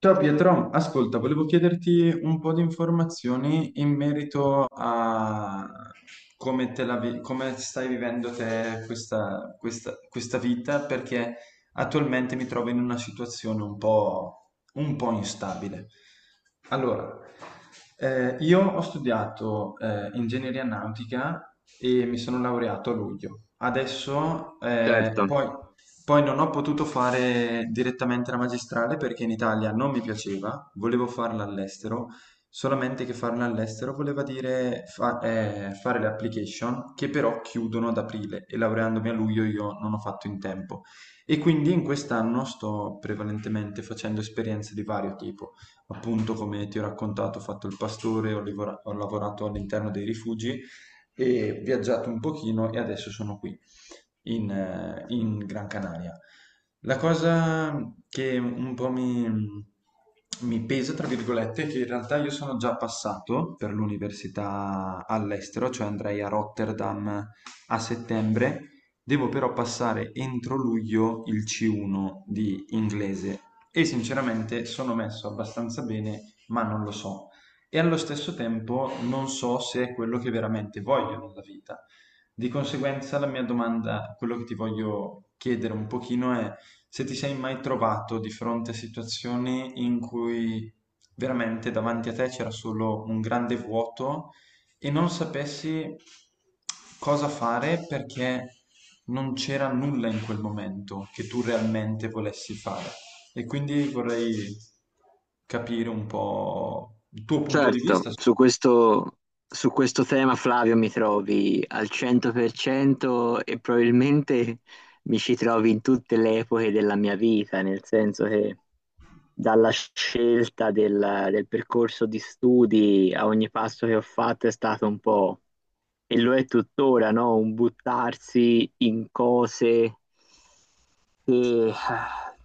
Ciao Pietro, ascolta, volevo chiederti un po' di informazioni in merito a come, come stai vivendo te questa, questa vita, perché attualmente mi trovo in una situazione un po' instabile. Allora, io ho studiato ingegneria nautica e mi sono laureato a luglio. Adesso, Certo, poi non ho potuto fare direttamente la magistrale perché in Italia non mi piaceva, volevo farla all'estero, solamente che farla all'estero voleva dire fare le application che però chiudono ad aprile e laureandomi a luglio io non ho fatto in tempo. E quindi in quest'anno sto prevalentemente facendo esperienze di vario tipo. Appunto, come ti ho raccontato, ho fatto il pastore, ho lavorato all'interno dei rifugi e viaggiato un pochino e adesso sono qui in Gran Canaria. La cosa che un po' mi pesa, tra virgolette, è che in realtà io sono già passato per l'università all'estero, cioè andrei a Rotterdam a settembre. Devo però passare entro luglio il C1 di inglese e sinceramente sono messo abbastanza bene, ma non lo so. E allo stesso tempo non so se è quello che veramente voglio nella vita. Di conseguenza, la mia domanda, quello che ti voglio chiedere un pochino è se ti sei mai trovato di fronte a situazioni in cui veramente davanti a te c'era solo un grande vuoto e non sapessi cosa fare perché non c'era nulla in quel momento che tu realmente volessi fare. E quindi vorrei capire un po' il tuo punto di certo, vista su su questo tema Flavio mi trovi al 100% e probabilmente mi ci trovi in tutte le epoche della mia vita, nel senso che dalla scelta del percorso di studi a ogni passo che ho fatto è stato un po', e lo è tuttora, no? Un buttarsi in cose che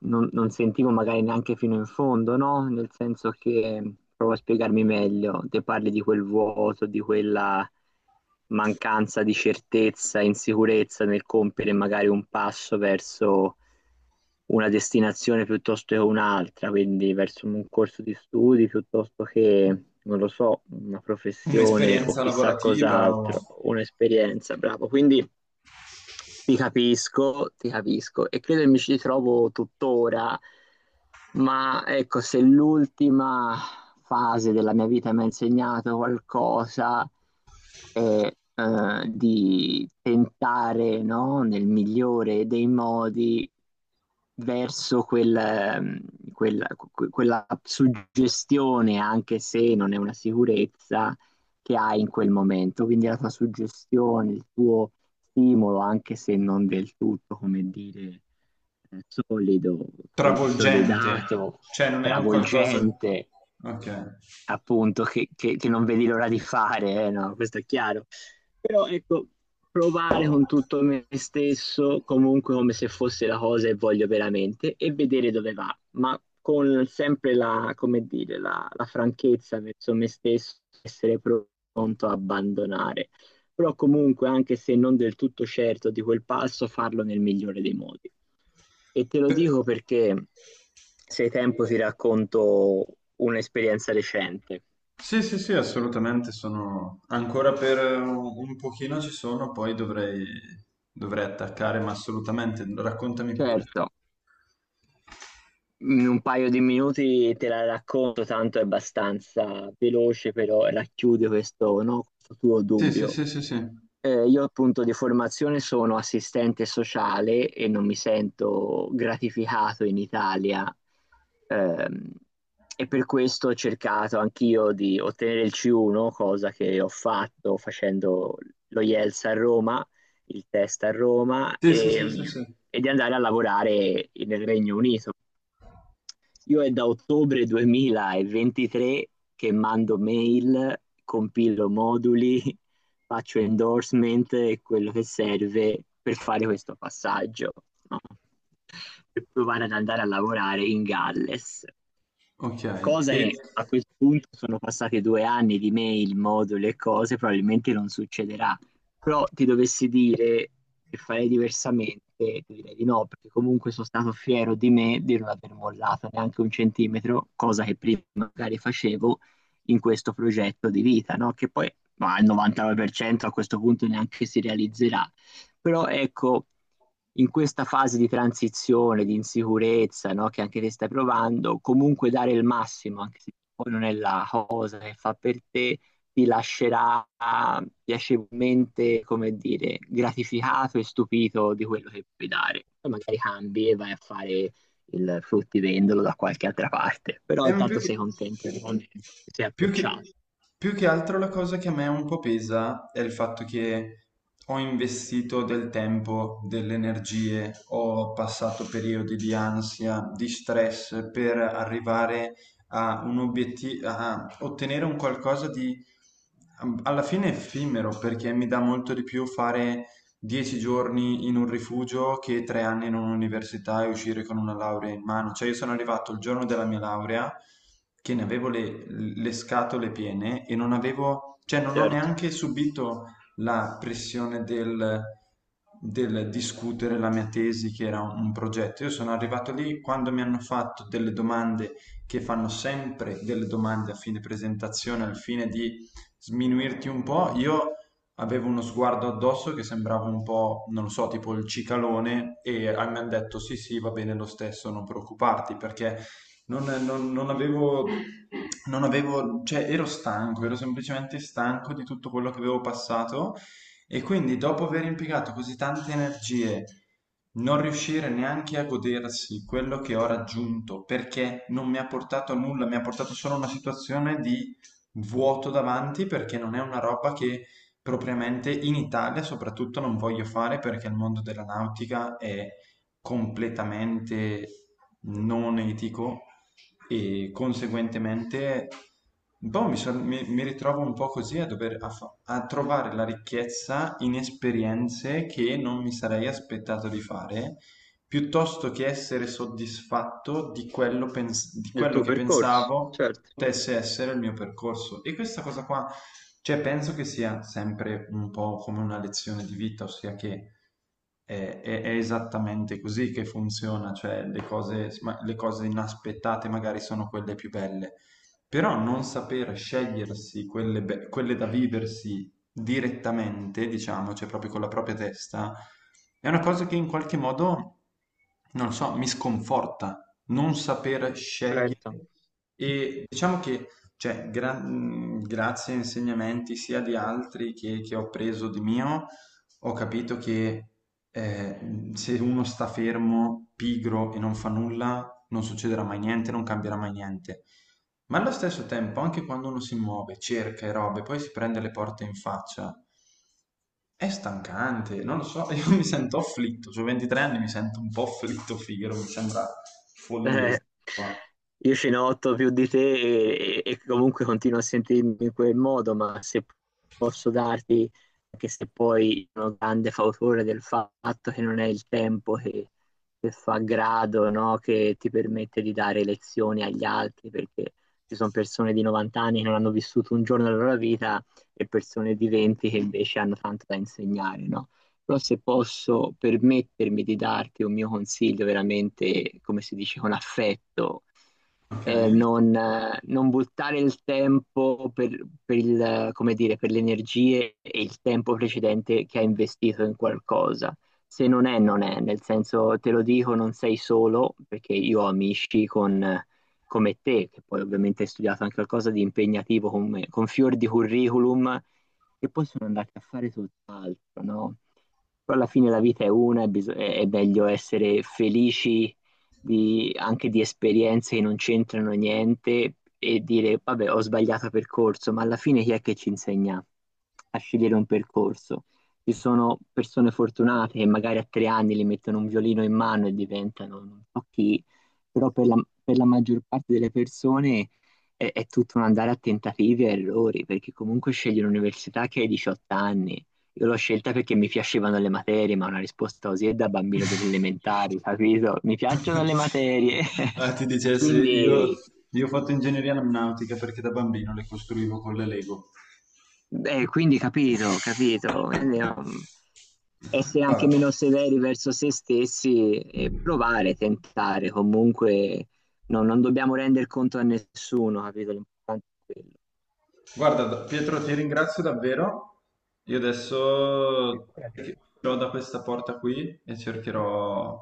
non sentivo magari neanche fino in fondo, no? Nel senso che, provo a spiegarmi meglio, te parli di quel vuoto, di quella mancanza di certezza, insicurezza nel compiere magari un passo verso una destinazione piuttosto che un'altra, quindi verso un corso di studi piuttosto che, non lo so, una professione o un'esperienza chissà lavorativa cos'altro, o un'esperienza, bravo. Quindi ti capisco e credo che mi ci ritrovo tuttora, ma ecco, se l'ultima fase della mia vita mi ha insegnato qualcosa è di tentare, no, nel migliore dei modi verso quella suggestione, anche se non è una sicurezza che hai in quel momento. Quindi la tua suggestione, il tuo stimolo, anche se non del tutto, come dire, solido, travolgente, consolidato, cioè non è un qualcosa. travolgente, Ok. appunto, che non vedi l'ora di fare, no, questo è chiaro. Però ecco, provare con tutto me stesso, comunque come se fosse la cosa che voglio veramente, e vedere dove va, ma con sempre come dire, la franchezza verso me stesso, essere pronto a abbandonare. Però comunque, anche se non del tutto certo di quel passo, farlo nel migliore dei modi. E te lo Per- dico perché, se hai tempo, ti racconto un'esperienza recente. Sì, sì, sì, assolutamente sono ancora per un pochino ci sono, poi dovrei, dovrei attaccare, ma assolutamente, raccontami pure. Certo, in un paio di minuti te la racconto, tanto è abbastanza veloce, però racchiude questo, no, questo tuo Sì, sì, dubbio. sì, sì, sì. Io appunto di formazione sono assistente sociale e non mi sento gratificato in Italia, ehm, e per questo ho cercato anch'io di ottenere il C1, cosa che ho fatto facendo lo IELTS a Roma, il test a Roma, Sì, sì, sì, sì, e, sì. e di andare a lavorare nel Regno Unito. Io è da ottobre 2023 che mando mail, compilo moduli, faccio endorsement e quello che serve per fare questo passaggio, no? Per provare ad andare a lavorare in Galles. Ok, Cosa e che a questo punto sono passati 2 anni di mail, moduli e cose, probabilmente non succederà. Però ti dovessi dire che farei diversamente, ti direi di no, perché comunque sono stato fiero di me di non aver mollato neanche un centimetro, cosa che prima magari facevo in questo progetto di vita, no? Che poi ma al 99% a questo punto neanche si realizzerà. Però ecco, in questa fase di transizione, di insicurezza, no, che anche te stai provando, comunque dare il massimo, anche se poi non è la cosa che fa per te, ti lascerà piacevolmente, come dire, gratificato e stupito di quello che puoi dare. Poi magari cambi e vai a fare il fruttivendolo da qualche altra parte, però ma intanto sei contento di come ti sei più che, approcciato. più che altro la cosa che a me un po' pesa è il fatto che ho investito del tempo, delle energie, ho passato periodi di ansia, di stress per arrivare a un obiettivo, a ottenere un qualcosa di alla fine effimero, perché mi dà molto di più fare 10 giorni in un rifugio che 3 anni in un'università e uscire con una laurea in mano. Cioè, io sono arrivato il giorno della mia laurea che ne avevo le scatole piene e non avevo, cioè, non ho Certo, neanche subito la pressione del discutere la mia tesi, che era un progetto. Io sono arrivato lì quando mi hanno fatto delle domande che fanno sempre delle domande a fine presentazione, al fine di sminuirti un po'. Io aveva uno sguardo addosso che sembrava un po', non lo so, tipo il cicalone mi hanno detto sì sì va bene lo stesso, non preoccuparti perché non, non- non avevo, non avevo, cioè ero stanco, ero semplicemente stanco di tutto quello che avevo passato e quindi dopo aver impiegato così tante energie non riuscire neanche a godersi quello che ho raggiunto perché non mi ha portato a nulla, mi ha portato solo a una situazione di vuoto davanti, perché non è una roba che propriamente in Italia soprattutto non voglio fare, perché il mondo della nautica è completamente non etico e conseguentemente un po' mi ritrovo un po' così a dover a trovare la ricchezza in esperienze che non mi sarei aspettato di fare, piuttosto che essere soddisfatto di quello, di del quello tuo che percorso, pensavo certo, potesse essere il mio percorso. E questa cosa qua, cioè, penso che sia sempre un po' come una lezione di vita, ossia che è esattamente così che funziona, cioè le cose inaspettate magari sono quelle più belle, però non saper scegliersi quelle, quelle da viversi direttamente, diciamo, cioè proprio con la propria testa, è una cosa che in qualche modo, non lo so, mi sconforta, non saper scegliere. certo. E diciamo che, cioè, grazie a insegnamenti sia di altri che ho preso di mio, ho capito che eh, se uno sta fermo, pigro e non fa nulla, non succederà mai niente, non cambierà mai niente. Ma allo stesso tempo, anche quando uno si muove, cerca e robe, poi si prende le porte in faccia, è stancante, non lo so, io mi sento afflitto, ho 23 anni, mi sento un po' afflitto, Figaro, mi sembra follia, Eh, sta roba. io ce ne ho otto più di te e, comunque continuo a sentirmi in quel modo, ma se posso darti, anche se poi sono grande fautore del fatto che non è il tempo che fa grado, no? Che ti permette di dare lezioni agli altri, perché ci sono persone di 90 anni che non hanno vissuto un giorno della loro vita e persone di 20 che invece hanno tanto da insegnare, no? Però se posso permettermi di darti un mio consiglio veramente, come si dice, con affetto, Ok? è non buttare il tempo come dire, per le energie e il tempo precedente che hai investito in qualcosa. Se non è, non è, nel senso te lo dico, non sei solo, perché io ho amici con, come te, che poi ovviamente hai studiato anche qualcosa di impegnativo con fior di curriculum, che poi sono andati a fare tutt'altro, no? Però alla fine la vita è una e è meglio essere felici anche di esperienze che non c'entrano niente e dire, vabbè, ho sbagliato percorso, ma alla fine chi è che ci insegna a scegliere un percorso? Ci sono persone fortunate che magari a 3 anni le mettono un violino in mano e diventano non so chi, però per la maggior parte delle persone è tutto un andare a tentativi e errori, perché comunque scegli un'università che hai 18 anni, io l'ho scelta perché mi piacevano le materie, ma una risposta così è da bambino delle elementari, capito? Mi piacciono le materie. Ah, ti dicessi, Quindi, io ho fatto ingegneria aeronautica perché da bambino le costruivo con le Lego. quindi capito, capito. Quindi, essere anche Ah, meno severi verso se stessi e provare, tentare. Comunque no, non dobbiamo rendere conto a nessuno, capito? L'importante è quello. guarda, Pietro, ti ringrazio davvero. Io adesso Figurati. uscirò da questa porta qui e cercherò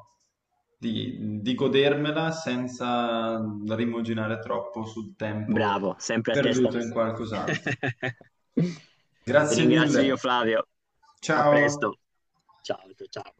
di godermela senza rimuginare troppo sul tempo Bravo, sempre a testa perduto in alta. qualcos'altro. Ti Grazie ringrazio mille. io, Flavio. A Ciao. presto. Ciao, ciao. Ciao.